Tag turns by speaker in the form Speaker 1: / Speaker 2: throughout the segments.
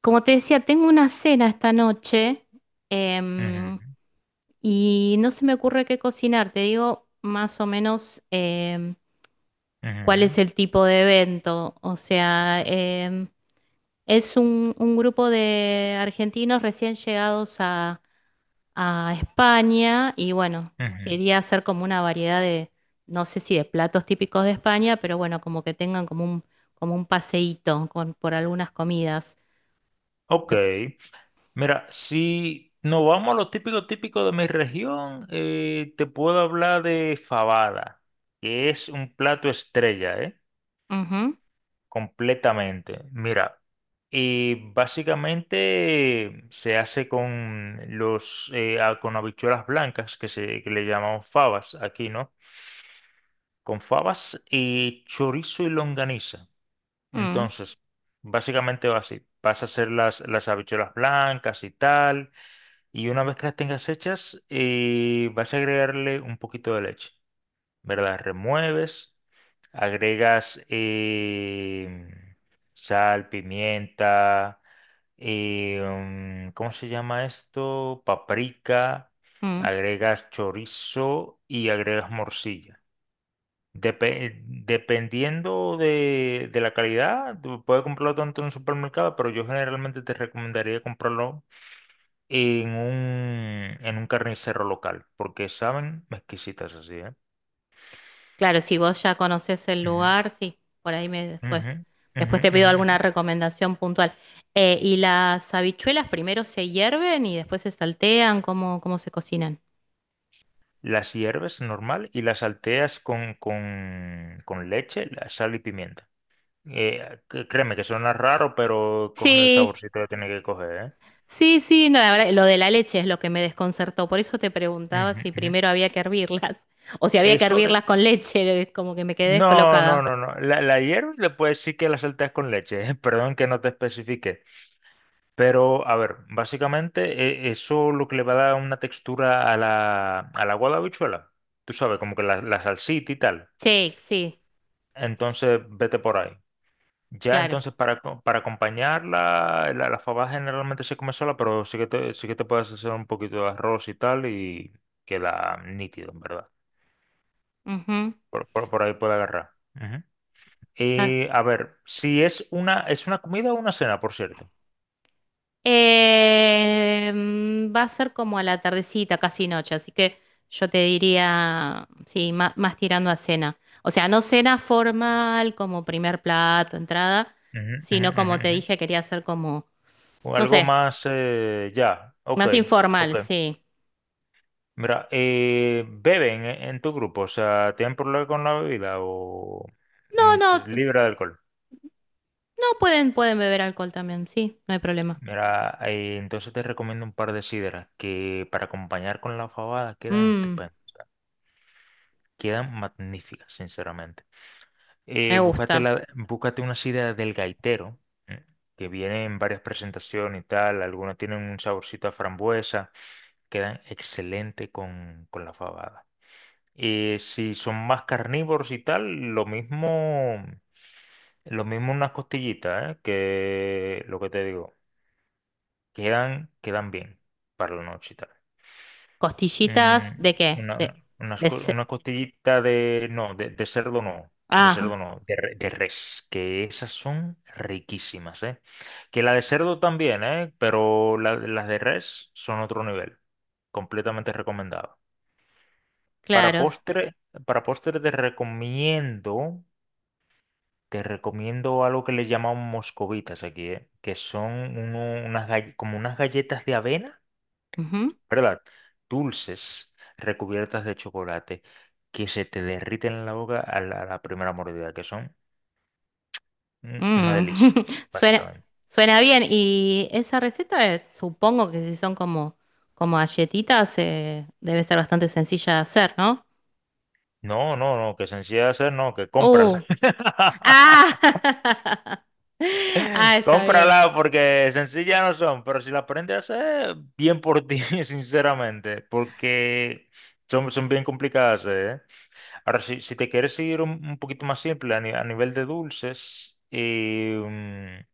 Speaker 1: Como te decía, tengo una cena esta noche em,
Speaker 2: Ujú,
Speaker 1: y no se me ocurre qué cocinar. Te digo más o menos em, cuál
Speaker 2: ujú,
Speaker 1: es el tipo de evento. O sea, es un grupo de argentinos recién llegados a España y bueno,
Speaker 2: ujú.
Speaker 1: quería hacer como una variedad de, no sé si de platos típicos de España, pero bueno, como que tengan como un paseíto por algunas comidas.
Speaker 2: Ok,
Speaker 1: Me-
Speaker 2: mira, si nos vamos a lo típico típico de mi región, te puedo hablar de fabada, que es un plato estrella, ¿eh?
Speaker 1: ujú,
Speaker 2: Completamente. Mira, y básicamente se hace con los con habichuelas blancas, que se que le llamamos fabas aquí, ¿no? Con fabas y chorizo y longaniza.
Speaker 1: mm,
Speaker 2: Entonces, básicamente va así. Vas a hacer las habichuelas blancas y tal. Y una vez que las tengas hechas, vas a agregarle un poquito de leche, ¿verdad? Remueves, agregas sal, pimienta, ¿cómo se llama esto? Paprika,
Speaker 1: mm.
Speaker 2: agregas chorizo y agregas morcilla. Dependiendo de la calidad, tú puedes comprarlo tanto en un supermercado, pero yo generalmente te recomendaría comprarlo en en un carnicero local, porque saben exquisitas así, ¿eh?
Speaker 1: Claro, si vos ya conocés el
Speaker 2: Ujú,
Speaker 1: lugar, sí, por ahí me
Speaker 2: ujú,
Speaker 1: después,
Speaker 2: ujú,
Speaker 1: después te pido
Speaker 2: ujú,
Speaker 1: alguna
Speaker 2: ujú.
Speaker 1: recomendación puntual. ¿Y las habichuelas primero se hierven y después se saltean? ¿Cómo, cómo se cocinan?
Speaker 2: Las hierves normal y las salteas con leche, la sal y pimienta. Créeme que suena raro, pero cogen el
Speaker 1: Sí,
Speaker 2: saborcito que tiene que coger, ¿eh?
Speaker 1: sí, sí, no, la verdad, lo de la leche es lo que me desconcertó, por eso te preguntaba
Speaker 2: Ujú,
Speaker 1: si
Speaker 2: ujú.
Speaker 1: primero había que hervirlas o si había que
Speaker 2: Eso,
Speaker 1: hervirlas con leche, como que me quedé
Speaker 2: no, no,
Speaker 1: descolocada.
Speaker 2: no, no. La hierves, le puedes decir que la salteas con leche. Perdón que no te especifique. Pero, a ver, básicamente eso lo que le va a dar una textura a al agua de habichuela. Tú sabes, como que la salsita y tal.
Speaker 1: Sí, sí,
Speaker 2: Entonces, vete por ahí. Ya,
Speaker 1: claro.
Speaker 2: entonces, para acompañarla, la fabada generalmente se come sola, pero sí que te puedes hacer un poquito de arroz y tal y queda nítido, en verdad.
Speaker 1: Ujú.
Speaker 2: Por ahí puede agarrar.
Speaker 1: Ah,
Speaker 2: A ver, si es es una comida o una cena, por cierto.
Speaker 1: eh, va a ser como a la tardecita, casi noche, así que yo te diría, sí, ma- más, tirando a cena. O sea, no cena formal como primer plato, entrada,
Speaker 2: Ujú, ujú,
Speaker 1: sino
Speaker 2: ujú,
Speaker 1: como te
Speaker 2: ujú.
Speaker 1: dije, quería hacer como,
Speaker 2: O
Speaker 1: no
Speaker 2: algo
Speaker 1: sé,
Speaker 2: más, ya, ok,
Speaker 1: más informal,
Speaker 2: ok.
Speaker 1: sí.
Speaker 2: Mira, ¿beben en tu grupo? O sea, ¿tienen problema con la bebida o
Speaker 1: No,
Speaker 2: mm,
Speaker 1: no, t- no
Speaker 2: libre de alcohol?
Speaker 1: pueden, pueden beber alcohol también, sí, no hay problema.
Speaker 2: Mira, entonces te recomiendo un par de sidras que para acompañar con la fabada quedan
Speaker 1: Mm,
Speaker 2: estupendas, quedan magníficas, sinceramente.
Speaker 1: me gusta.
Speaker 2: Búscate una sidra del gaitero, ¿eh? Que viene en varias presentaciones y tal. Algunas tienen un saborcito a frambuesa, quedan excelente con la fabada. Si son más carnívoros y tal, lo mismo, lo mismo unas costillitas, ¿eh? Que lo que te digo, quedan, quedan bien para la noche y tal. Mm,
Speaker 1: ¿Costillitas de qué? De ce-
Speaker 2: una costillita de... No, de cerdo no. De cerdo
Speaker 1: ah,
Speaker 2: no. De, de res. Que esas son riquísimas, ¿eh? Que la de cerdo también, ¿eh? Pero las de res son otro nivel. Completamente recomendado. Para
Speaker 1: claro.
Speaker 2: postre, para postre te recomiendo... Te recomiendo algo que le llamamos moscovitas aquí, ¿eh? Que son como unas galletas de avena, ¿verdad? Dulces recubiertas de chocolate que se te derriten en la boca a a la primera mordida, que son mm, una
Speaker 1: Mm,
Speaker 2: delicia,
Speaker 1: suena,
Speaker 2: básicamente.
Speaker 1: suena bien. Y esa receta, supongo que si son como, como galletitas, debe estar bastante sencilla de hacer, ¿no?
Speaker 2: No, no, no, que sencilla de hacer, no, que cómprala.
Speaker 1: ¡Uh! ¡Ah! Ah, está bien.
Speaker 2: Cómprala porque sencillas no son, pero si la aprendes a hacer, bien por ti, sinceramente, porque son, son bien complicadas, ¿eh? Ahora, si te quieres ir un poquito más simple a, a nivel de dulces,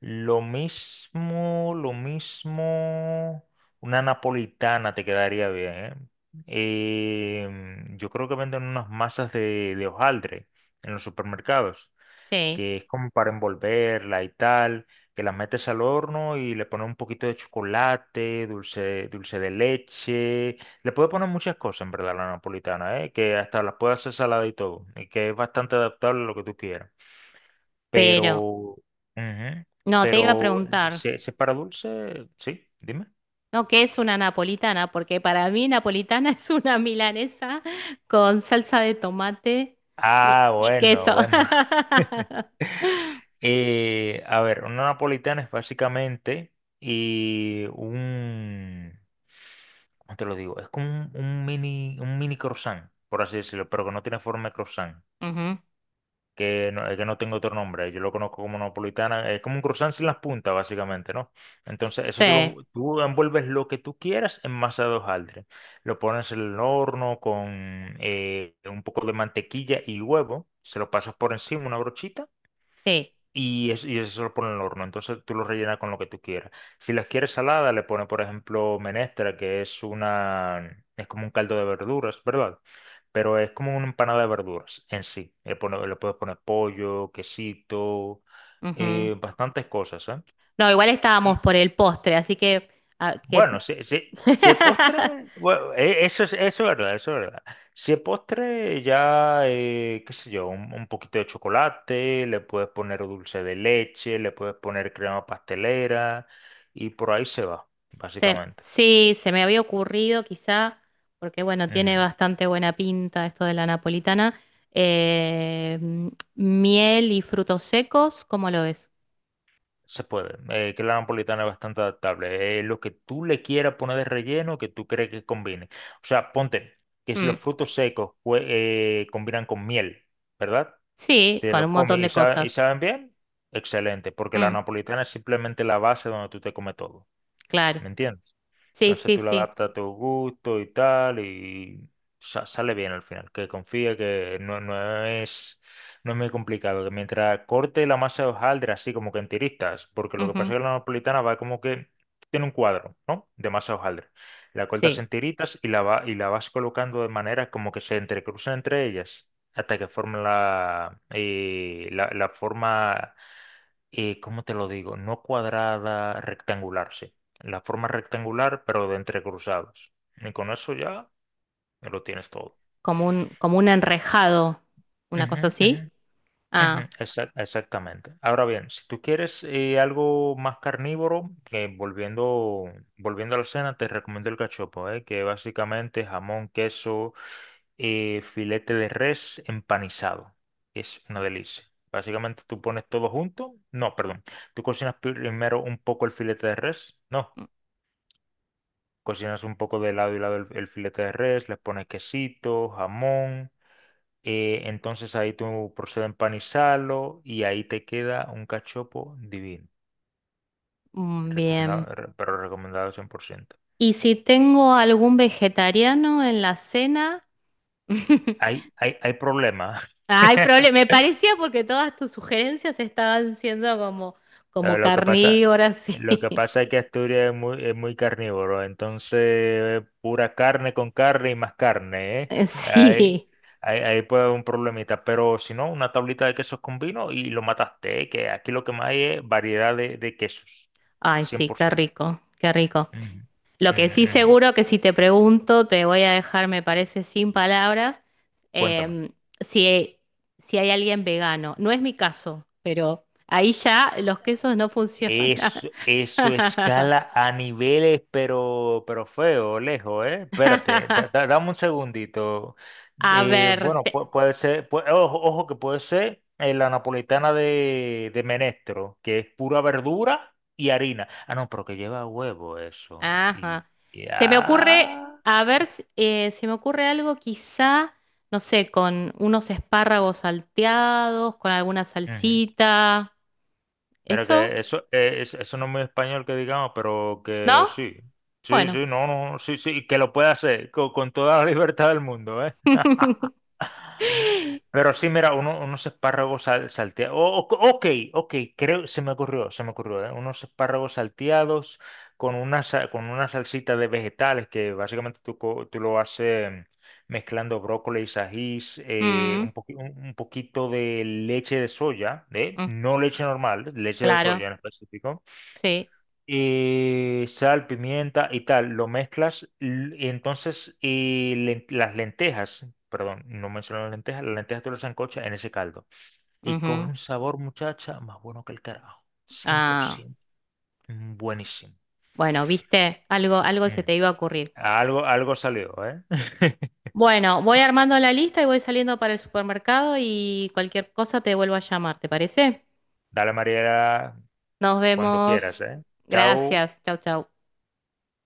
Speaker 2: lo mismo, lo mismo. Una napolitana te quedaría bien, ¿eh? Em, yo creo que venden unas masas de hojaldre en los supermercados,
Speaker 1: Sí.
Speaker 2: que es como para envolverla y tal, que la metes al horno y le pones un poquito de chocolate, dulce, dulce de leche. Le puedes poner muchas cosas, en verdad, a la napolitana, ¿eh? Que hasta las puedes hacer salada y todo, y que es bastante adaptable a lo que tú quieras pero,
Speaker 1: Pero,
Speaker 2: ujú,
Speaker 1: no, te iba a
Speaker 2: pero,
Speaker 1: preguntar,
Speaker 2: se para dulce? Sí, dime.
Speaker 1: ¿no? ¿Qué es una napolitana? Porque para mí napolitana es una milanesa con salsa de tomate
Speaker 2: Ah,
Speaker 1: y
Speaker 2: bueno,
Speaker 1: queso.
Speaker 2: bueno. A ver, una napolitana es básicamente y un, ¿cómo te lo digo? Es como un mini croissant, por así decirlo, pero que no tiene forma de croissant.
Speaker 1: Ujú.
Speaker 2: Que no, es que no tengo otro nombre, yo lo conozco como napolitana, es como un croissant sin las puntas, básicamente, ¿no? Entonces, eso
Speaker 1: Sí,
Speaker 2: tú envuelves lo que tú quieras en masa de hojaldre, lo pones en el horno con un poco de mantequilla y huevo, se lo pasas por encima, una brochita,
Speaker 1: sí.
Speaker 2: y eso lo pone en el horno. Entonces tú lo rellenas con lo que tú quieras. Si las quieres salada, le pones, por ejemplo, menestra, que es es como un caldo de verduras, ¿verdad? Pero es como una empanada de verduras en sí. Le puedes poner pollo, quesito, bastantes cosas, ¿eh?
Speaker 1: No, igual estábamos por el postre, así que, ah,
Speaker 2: Bueno,
Speaker 1: que...
Speaker 2: si es postre, bueno, eso es verdad, eso es verdad. Si es postre, ya, qué sé yo, un poquito de chocolate, le puedes poner dulce de leche, le puedes poner crema pastelera y por ahí se va,
Speaker 1: Se-
Speaker 2: básicamente.
Speaker 1: sí, se me había ocurrido quizá, porque bueno, tiene
Speaker 2: Ujú,
Speaker 1: bastante buena pinta esto de la napolitana. Eh, miel y frutos secos, ¿cómo lo ves?
Speaker 2: se puede. Que la napolitana es bastante adaptable. Lo que tú le quieras poner de relleno, que tú crees que combine. O sea, ponte que si los
Speaker 1: Mm,
Speaker 2: frutos secos combinan con miel, ¿verdad?
Speaker 1: sí,
Speaker 2: Te
Speaker 1: con
Speaker 2: lo
Speaker 1: un montón
Speaker 2: comes y,
Speaker 1: de
Speaker 2: y
Speaker 1: cosas.
Speaker 2: saben bien, excelente, porque la
Speaker 1: Mm,
Speaker 2: napolitana es simplemente la base donde tú te comes todo.
Speaker 1: claro.
Speaker 2: ¿Me entiendes?
Speaker 1: Sí,
Speaker 2: Entonces
Speaker 1: sí,
Speaker 2: tú lo
Speaker 1: sí.
Speaker 2: adaptas a tu gusto y tal, y sale bien al final. Que confíe que no, no es, no es muy complicado. Que mientras corte la masa de hojaldre, así como que en tiritas, porque lo que pasa
Speaker 1: Ujú,
Speaker 2: es que la napolitana va como que tiene un cuadro, ¿no? De masa de hojaldre. La cortas
Speaker 1: sí,
Speaker 2: en tiritas y y la vas colocando de manera como que se entrecruzan entre ellas hasta que formen la, la forma, ¿cómo te lo digo? No cuadrada, rectangular, sí. La forma rectangular, pero de entrecruzados. Y con eso ya lo tienes todo.
Speaker 1: como un enrejado, una cosa
Speaker 2: Ujú,
Speaker 1: así.
Speaker 2: ujú, ujú,
Speaker 1: Ah,
Speaker 2: exactamente. Ahora bien, si tú quieres algo más carnívoro, volviendo, volviendo a la cena, te recomiendo el cachopo, que básicamente jamón, queso, filete de res empanizado. Es una delicia. Básicamente tú pones todo junto. No, perdón. Tú cocinas primero un poco el filete de res. No. Cocinas un poco de lado y lado el filete de res, le pones quesito, jamón, entonces ahí tú procedes a empanizarlo y ahí te queda un cachopo divino.
Speaker 1: mm,
Speaker 2: Recomendado,
Speaker 1: bien.
Speaker 2: pero recomendado 100%.
Speaker 1: Y si tengo algún vegetariano en la cena,
Speaker 2: Hay, hay, hay problema.
Speaker 1: hay problema. Me parecía porque todas tus sugerencias estaban siendo como,
Speaker 2: Lo,
Speaker 1: como
Speaker 2: lo que pasa,
Speaker 1: carnívoras,
Speaker 2: lo que
Speaker 1: sí.
Speaker 2: pasa es que Asturias es muy carnívoro, entonces pura carne con carne y más carne, ¿eh? Ahí,
Speaker 1: Sí.
Speaker 2: ahí, ahí puede haber un problemita, pero si no, una tablita de quesos con vino y lo mataste, ¿eh? Que aquí lo que más hay es variedad de quesos,
Speaker 1: Ay, sí, qué
Speaker 2: 100%.
Speaker 1: rico, qué rico.
Speaker 2: Ujú,
Speaker 1: Lo que
Speaker 2: ujú,
Speaker 1: sí
Speaker 2: ujú.
Speaker 1: seguro que si te pregunto, te voy a dejar, me parece, sin palabras,
Speaker 2: Cuéntame.
Speaker 1: em, si, si hay alguien vegano. No es mi caso, pero ahí ya los quesos no funcionan.
Speaker 2: Eso escala a niveles, pero feo, lejos, ¿eh? Espérate, dame un segundito.
Speaker 1: A ver.
Speaker 2: Bueno,
Speaker 1: Te-
Speaker 2: puede ser, ojo, ojo que puede ser la napolitana de Menestro, que es pura verdura y harina. Ah, no, pero que lleva huevo eso. Y
Speaker 1: ajá. Se me ocurre,
Speaker 2: ya.
Speaker 1: a ver, si- se me ocurre algo quizá, no sé, con unos espárragos salteados, con alguna
Speaker 2: Ujú.
Speaker 1: salsita.
Speaker 2: Mira
Speaker 1: ¿Eso?
Speaker 2: que eso, eso no es muy español que digamos, pero que
Speaker 1: ¿No?
Speaker 2: sí. Sí,
Speaker 1: Bueno.
Speaker 2: sí, no, no, sí, sí, que lo puede hacer con toda la libertad del mundo, ¿eh? Pero sí, mira, unos espárragos salteados. Ok, ok, creo, se me ocurrió, ¿eh? Unos espárragos salteados con con una salsita de vegetales que básicamente tú, tú lo haces mm, mezclando brócoli, ajís,
Speaker 1: Mm,
Speaker 2: un poquito de leche de soya, ¿eh?
Speaker 1: mm,
Speaker 2: No leche normal, leche de
Speaker 1: claro,
Speaker 2: soya en específico,
Speaker 1: sí.
Speaker 2: sal, pimienta y tal, lo mezclas y entonces las lentejas, perdón, no mencioné las lentejas tú las sancochas en ese caldo y coge
Speaker 1: Ujú.
Speaker 2: un sabor, muchacha, más bueno que el carajo,
Speaker 1: Ah,
Speaker 2: 100%. Mm, buenísimo.
Speaker 1: bueno, viste, algo, algo se
Speaker 2: Mm.
Speaker 1: te iba a ocurrir.
Speaker 2: Algo, algo salió, ¿eh?
Speaker 1: Bueno, voy armando la lista y voy saliendo para el supermercado y cualquier cosa te vuelvo a llamar, ¿te parece?
Speaker 2: Dale, Mariela,
Speaker 1: Nos
Speaker 2: cuando quieras,
Speaker 1: vemos.
Speaker 2: ¿eh? Chao.
Speaker 1: Gracias. Chau, chau.